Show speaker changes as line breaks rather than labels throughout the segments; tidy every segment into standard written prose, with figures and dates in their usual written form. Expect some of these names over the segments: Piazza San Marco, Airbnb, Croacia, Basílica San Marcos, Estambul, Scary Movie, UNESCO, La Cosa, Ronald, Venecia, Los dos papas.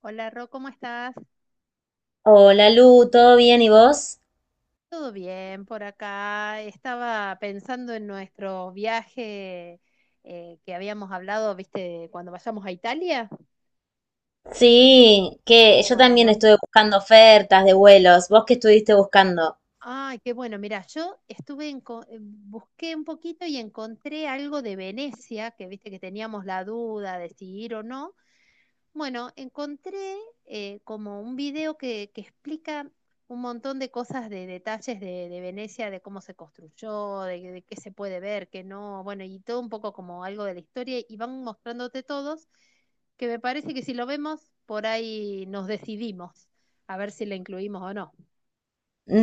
Hola, Ro, ¿cómo estás?
Hola Lu, ¿todo bien y vos?
Todo bien por acá. Estaba pensando en nuestro viaje que habíamos hablado, viste, cuando vayamos a Italia.
Sí, que yo también
Bueno,
estuve buscando ofertas de vuelos. ¿Vos qué estuviste buscando?
ay, qué bueno. Mira, yo estuve en, busqué un poquito y encontré algo de Venecia, que viste que teníamos la duda de si ir o no. Bueno, encontré como un video que explica un montón de cosas, de detalles de Venecia, de cómo se construyó, de qué se puede ver, qué no, bueno, y todo un poco como algo de la historia, y van mostrándote todos, que me parece que si lo vemos, por ahí nos decidimos a ver si la incluimos o no.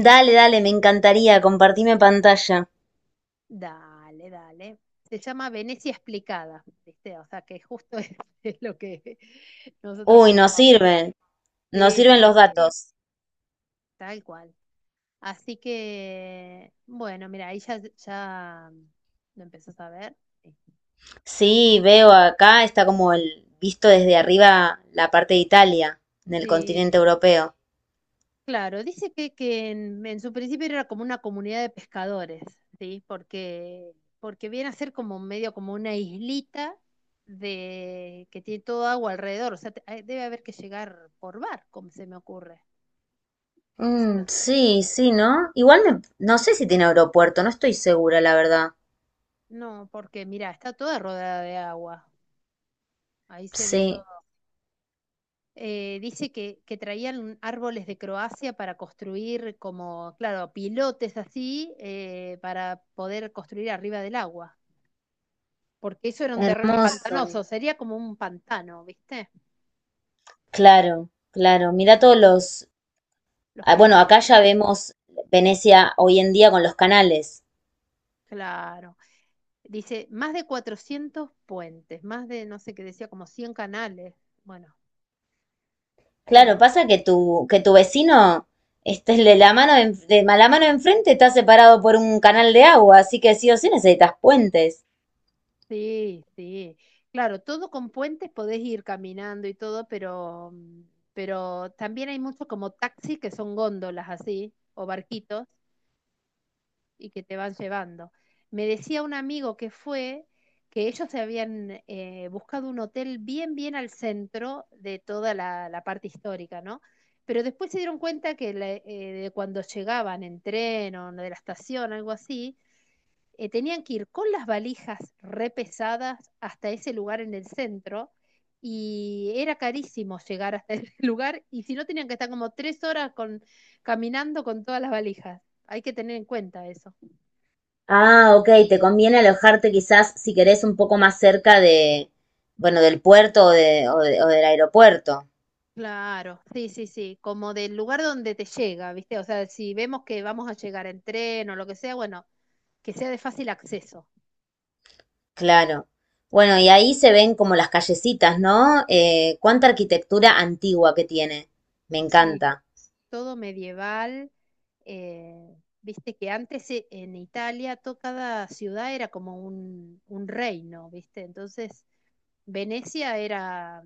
Dale, dale, me encantaría, compartime pantalla.
Dale, dale. Se llama Venecia explicada, ¿viste? O sea, que justo es, lo que nosotros
Uy, nos
queremos.
sirven, nos
Sí,
sirven
sí,
los
sí,
datos.
tal cual. Así que, bueno, mira, ahí ya lo empezás a ver.
Sí, veo acá está como el visto desde arriba la parte de Italia, en el
Sí,
continente europeo.
claro, dice que en su principio era como una comunidad de pescadores, ¿sí? Porque viene a ser como medio como una islita de que tiene todo agua alrededor, o sea, debe haber que llegar por barco, se me ocurre. Sí, o
Mm,
sea,
sí, sí, ¿no? Igual no sé si tiene aeropuerto, no estoy segura, la verdad.
no, porque mira, está toda rodeada de agua, ahí se ve todo.
Sí,
Dice que traían árboles de Croacia para construir como, claro, pilotes así, para poder construir arriba del agua, porque eso era un terreno
hermoso.
pantanoso, sería como un pantano, ¿viste?
Claro, claro. Mira. Todos los
Los
Ah, bueno,
canales,
acá ya vemos Venecia hoy en día con los canales.
claro. Dice, más de 400 puentes, más de, no sé qué decía, como 100 canales. Bueno,
Claro,
claro.
pasa que tu vecino, este, el de la mano de enfrente está separado por un canal de agua, así que sí o sí necesitas puentes.
Sí, sí. Claro, todo con puentes podés ir caminando y todo, pero también hay mucho como taxi que son góndolas así, o barquitos, y que te van llevando. Me decía un amigo que fue que ellos se habían buscado un hotel bien, bien al centro de toda la parte histórica, ¿no? Pero después se dieron cuenta que de cuando llegaban en tren o de la estación, algo así, tenían que ir con las valijas repesadas hasta ese lugar en el centro y era carísimo llegar hasta ese lugar y si no tenían que estar como 3 horas con, caminando con todas las valijas. Hay que tener en cuenta eso.
Ah, ok, te conviene alojarte quizás si querés un poco más cerca de, bueno, del puerto o, o del aeropuerto.
Claro, sí, sí, sí, como del lugar donde te llega, ¿viste? O sea, si vemos que vamos a llegar en tren o lo que sea, bueno, que sea de fácil acceso.
Claro. Bueno, y ahí se ven como las callecitas, ¿no? Cuánta arquitectura antigua que tiene. Me
Sí,
encanta.
todo medieval. eh, viste que antes en Italia cada ciudad era como un reino, viste. Entonces Venecia era,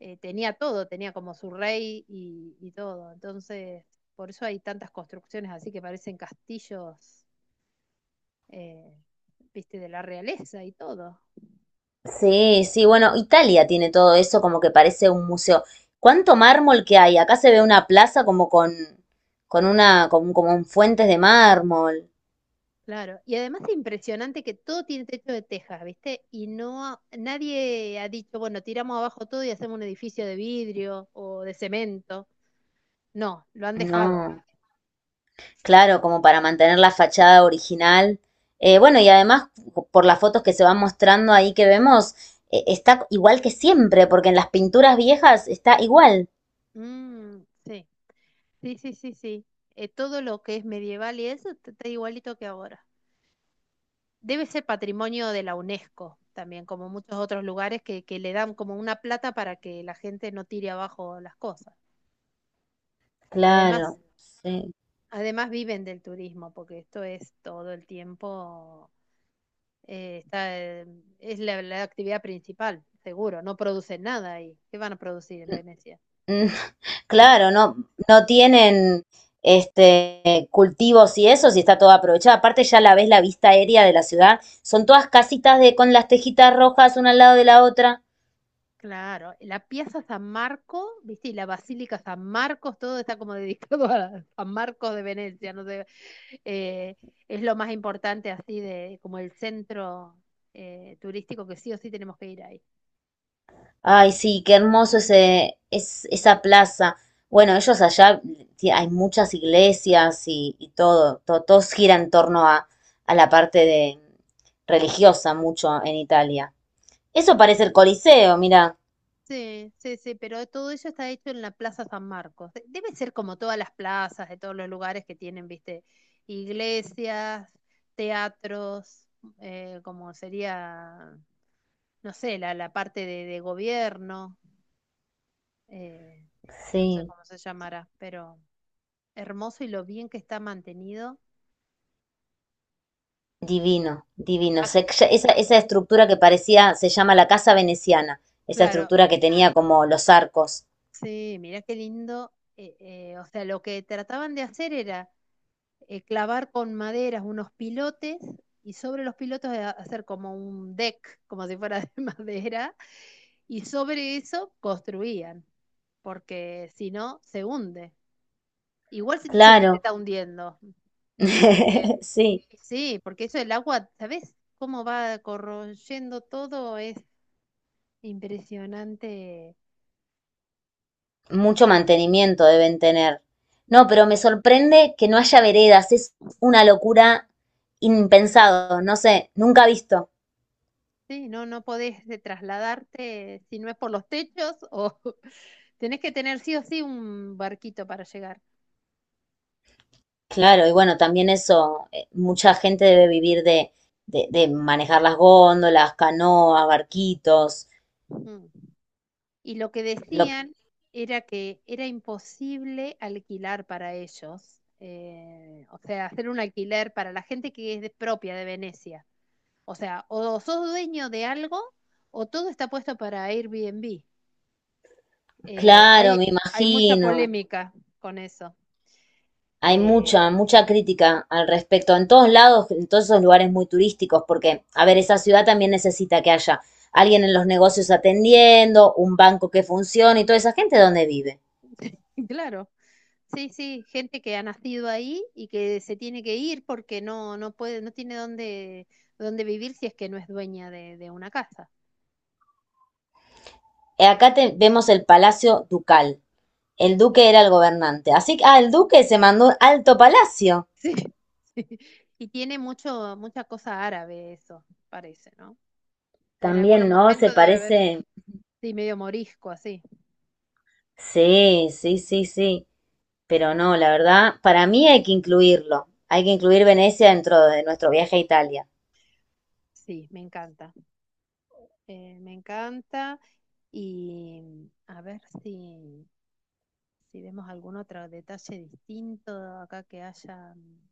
tenía todo, tenía como su rey y todo. Entonces, por eso hay tantas construcciones así que parecen castillos, eh, viste, de la realeza y todo.
Sí, sí, bueno, Italia tiene todo eso como que parece un museo. ¿Cuánto mármol que hay? Acá se ve una plaza como con una, como en fuentes de mármol.
Claro, y además es impresionante que todo tiene techo de tejas, ¿viste? Y no ha- nadie ha dicho, bueno, tiramos abajo todo y hacemos un edificio de vidrio o de cemento. No, lo han dejado.
No, claro, como para mantener la fachada original. Bueno, y además, por las fotos que se van mostrando ahí que vemos, está igual que siempre, porque en las pinturas viejas está igual.
Mm, sí, sí, sí, sí, sí. Todo lo que es medieval y eso está igualito que ahora. Debe ser patrimonio de la UNESCO también, como muchos otros lugares que le dan como una plata para que la gente no tire abajo las cosas. Además,
Claro, sí.
además, viven del turismo, porque esto es todo el tiempo está, es la, actividad principal, seguro, no producen nada ahí. ¿Qué van a producir en Venecia?
Mm, claro, no, no tienen este cultivos y eso, si está todo aprovechado. Aparte ya la ves la vista aérea de la ciudad. Son todas casitas de con las tejitas rojas una al lado de la otra.
Claro, la Piazza San Marco, viste, y la Basílica San Marcos, todo está como dedicado a San Marcos de Venecia, no sé, eh, es lo más importante así de como el centro turístico que sí o sí tenemos que ir ahí.
Ay, sí, qué hermoso esa plaza. Bueno, ellos allá sí, hay muchas iglesias y todos gira en torno a la parte de religiosa mucho en Italia. Eso parece el Coliseo, mira.
Sí, sí, sí, pero todo eso está hecho en la Plaza San Marcos. Debe ser como todas las plazas de todos los lugares que tienen, viste, iglesias, teatros, como sería, no sé, la parte de gobierno, eh, no sé
Sí.
cómo se llamará, pero hermoso y lo bien que está mantenido.
Divino, divino.
Ah,
Esa estructura que parecía, se llama la casa veneciana, esa
claro,
estructura que tenía como los arcos.
sí, mirá qué lindo. O sea, lo que trataban de hacer era clavar con maderas unos pilotes y sobre los pilotos hacer como un deck, como si fuera de madera, y sobre eso construían, porque si no, se hunde. Igual se dicen que se
Claro,
está hundiendo, porque
sí,
sí, porque eso el agua, ¿sabes? Cómo va corroyendo todo es impresionante.
mucho mantenimiento deben tener. No,
Mm,
pero me sorprende que no haya veredas, es una locura impensado, no sé, nunca visto.
sí, no, no podés trasladarte si no es por los techos o tenés que tener sí o sí un barquito para llegar.
Claro, y bueno, también eso, mucha gente debe vivir de manejar las góndolas, canoas, barquitos.
Mm. Y lo que
Lo,
decían era que era imposible alquilar para ellos, o sea, hacer un alquiler para la gente que es de- propia de Venecia. O sea, o sos dueño de algo o todo está puesto para Airbnb. Eh,
claro,
hay,
me
hay mucha
imagino.
polémica con eso.
Hay
Eh,
mucha, mucha crítica al respecto en todos lados, en todos esos lugares muy turísticos, porque, a ver, esa ciudad también necesita que haya alguien en los negocios atendiendo, un banco que funcione y toda esa gente donde vive.
claro. Sí, sí, gente que ha nacido ahí y que se tiene que ir porque no puede, no tiene dónde vivir si es que no es dueña de una casa.
Acá vemos el Palacio Ducal. El duque era el gobernante. Así que, ah, el duque se mandó un alto palacio.
Sí. Y tiene mucho, mucha cosa árabe eso, parece, ¿no? En algún
También, ¿no? Se
momento debe haber,
parece.
sí, medio morisco, así.
Sí, sí, sí, sí. Pero no, la verdad, para mí hay que incluirlo. Hay que incluir Venecia dentro de nuestro viaje a Italia.
Sí, me encanta. Me encanta. Y a ver si vemos algún otro detalle distinto acá que haya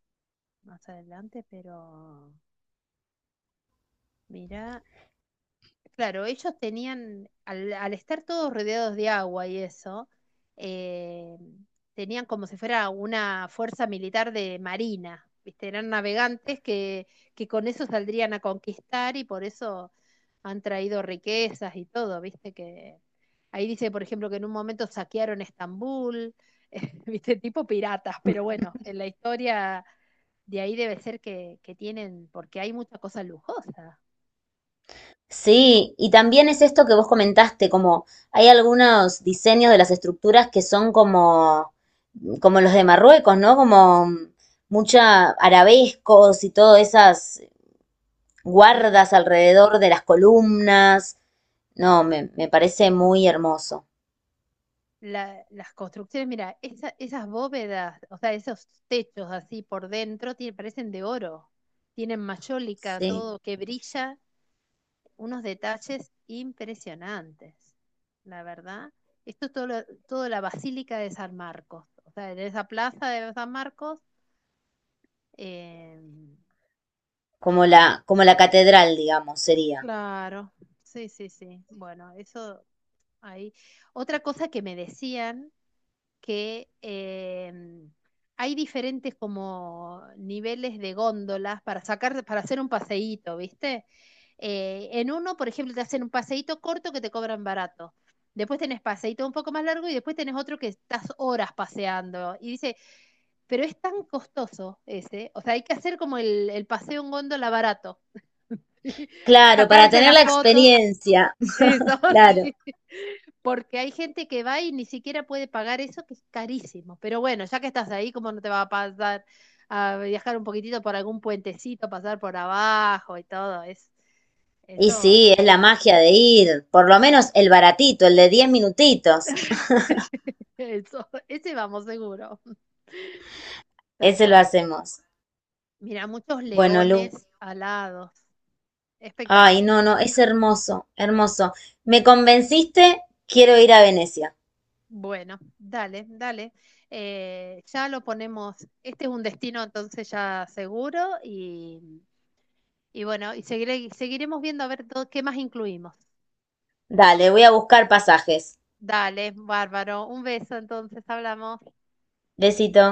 más adelante, pero mira, claro, ellos tenían, al estar todos rodeados de agua y eso, eh, tenían como si fuera una fuerza militar de marina, ¿viste? Eran navegantes que con eso saldrían a conquistar y por eso han traído riquezas y todo, ¿viste? Que ahí dice, por ejemplo, que en un momento saquearon Estambul, ¿viste? Tipo piratas, pero bueno, en la historia de ahí debe ser que tienen, porque hay mucha cosa lujosa.
Sí, y también es esto que vos comentaste, como hay algunos diseños de las estructuras que son como los de Marruecos, ¿no? Como mucha arabescos y todas esas
Sí,
guardas alrededor de las columnas. No, me parece muy hermoso.
las construcciones, mira, esas bóvedas, o sea, esos techos así por dentro, parecen de oro, tienen mayólica,
Sí,
todo que brilla, unos detalles impresionantes, la verdad. Esto es todo, todo la Basílica de San Marcos, o sea, en esa plaza de San Marcos, eh,
como la catedral, digamos, sería.
claro, sí, sí, sí, bueno, eso ahí. Otra cosa que me decían que hay diferentes como niveles de góndolas para sacar, para hacer un paseíto, ¿viste? En uno, por ejemplo, te hacen un paseíto corto que te cobran barato. Después tenés paseíto un poco más largo y después tenés otro que estás horas paseando. Y dice, pero es tan costoso ese. O sea, hay que hacer como el paseo en góndola barato.
Claro, para
Sacarse
tener
la
la
foto.
experiencia,
Eso,
claro.
sí porque hay gente que va y ni siquiera puede pagar eso, que es carísimo. Pero bueno, ya que estás ahí, ¿cómo no te va a pasar a viajar un poquitito por algún puentecito, pasar por abajo y todo?
Y
Eso,
sí, es la magia de ir, por lo menos el baratito, el de 10 minutitos.
eso, ese vamos seguro, tal
Ese lo
cual.
hacemos.
Mira, muchos
Bueno, Lu.
leones alados,
Ay,
espectacular.
no, no, es hermoso, hermoso. Me convenciste, quiero ir a Venecia.
Bueno, dale, dale. Ya lo ponemos, este es un destino entonces ya seguro y bueno, y seguiremos viendo a ver qué más incluimos.
Dale, voy a buscar pasajes.
Dale, bárbaro. Un beso, entonces hablamos.
Besito.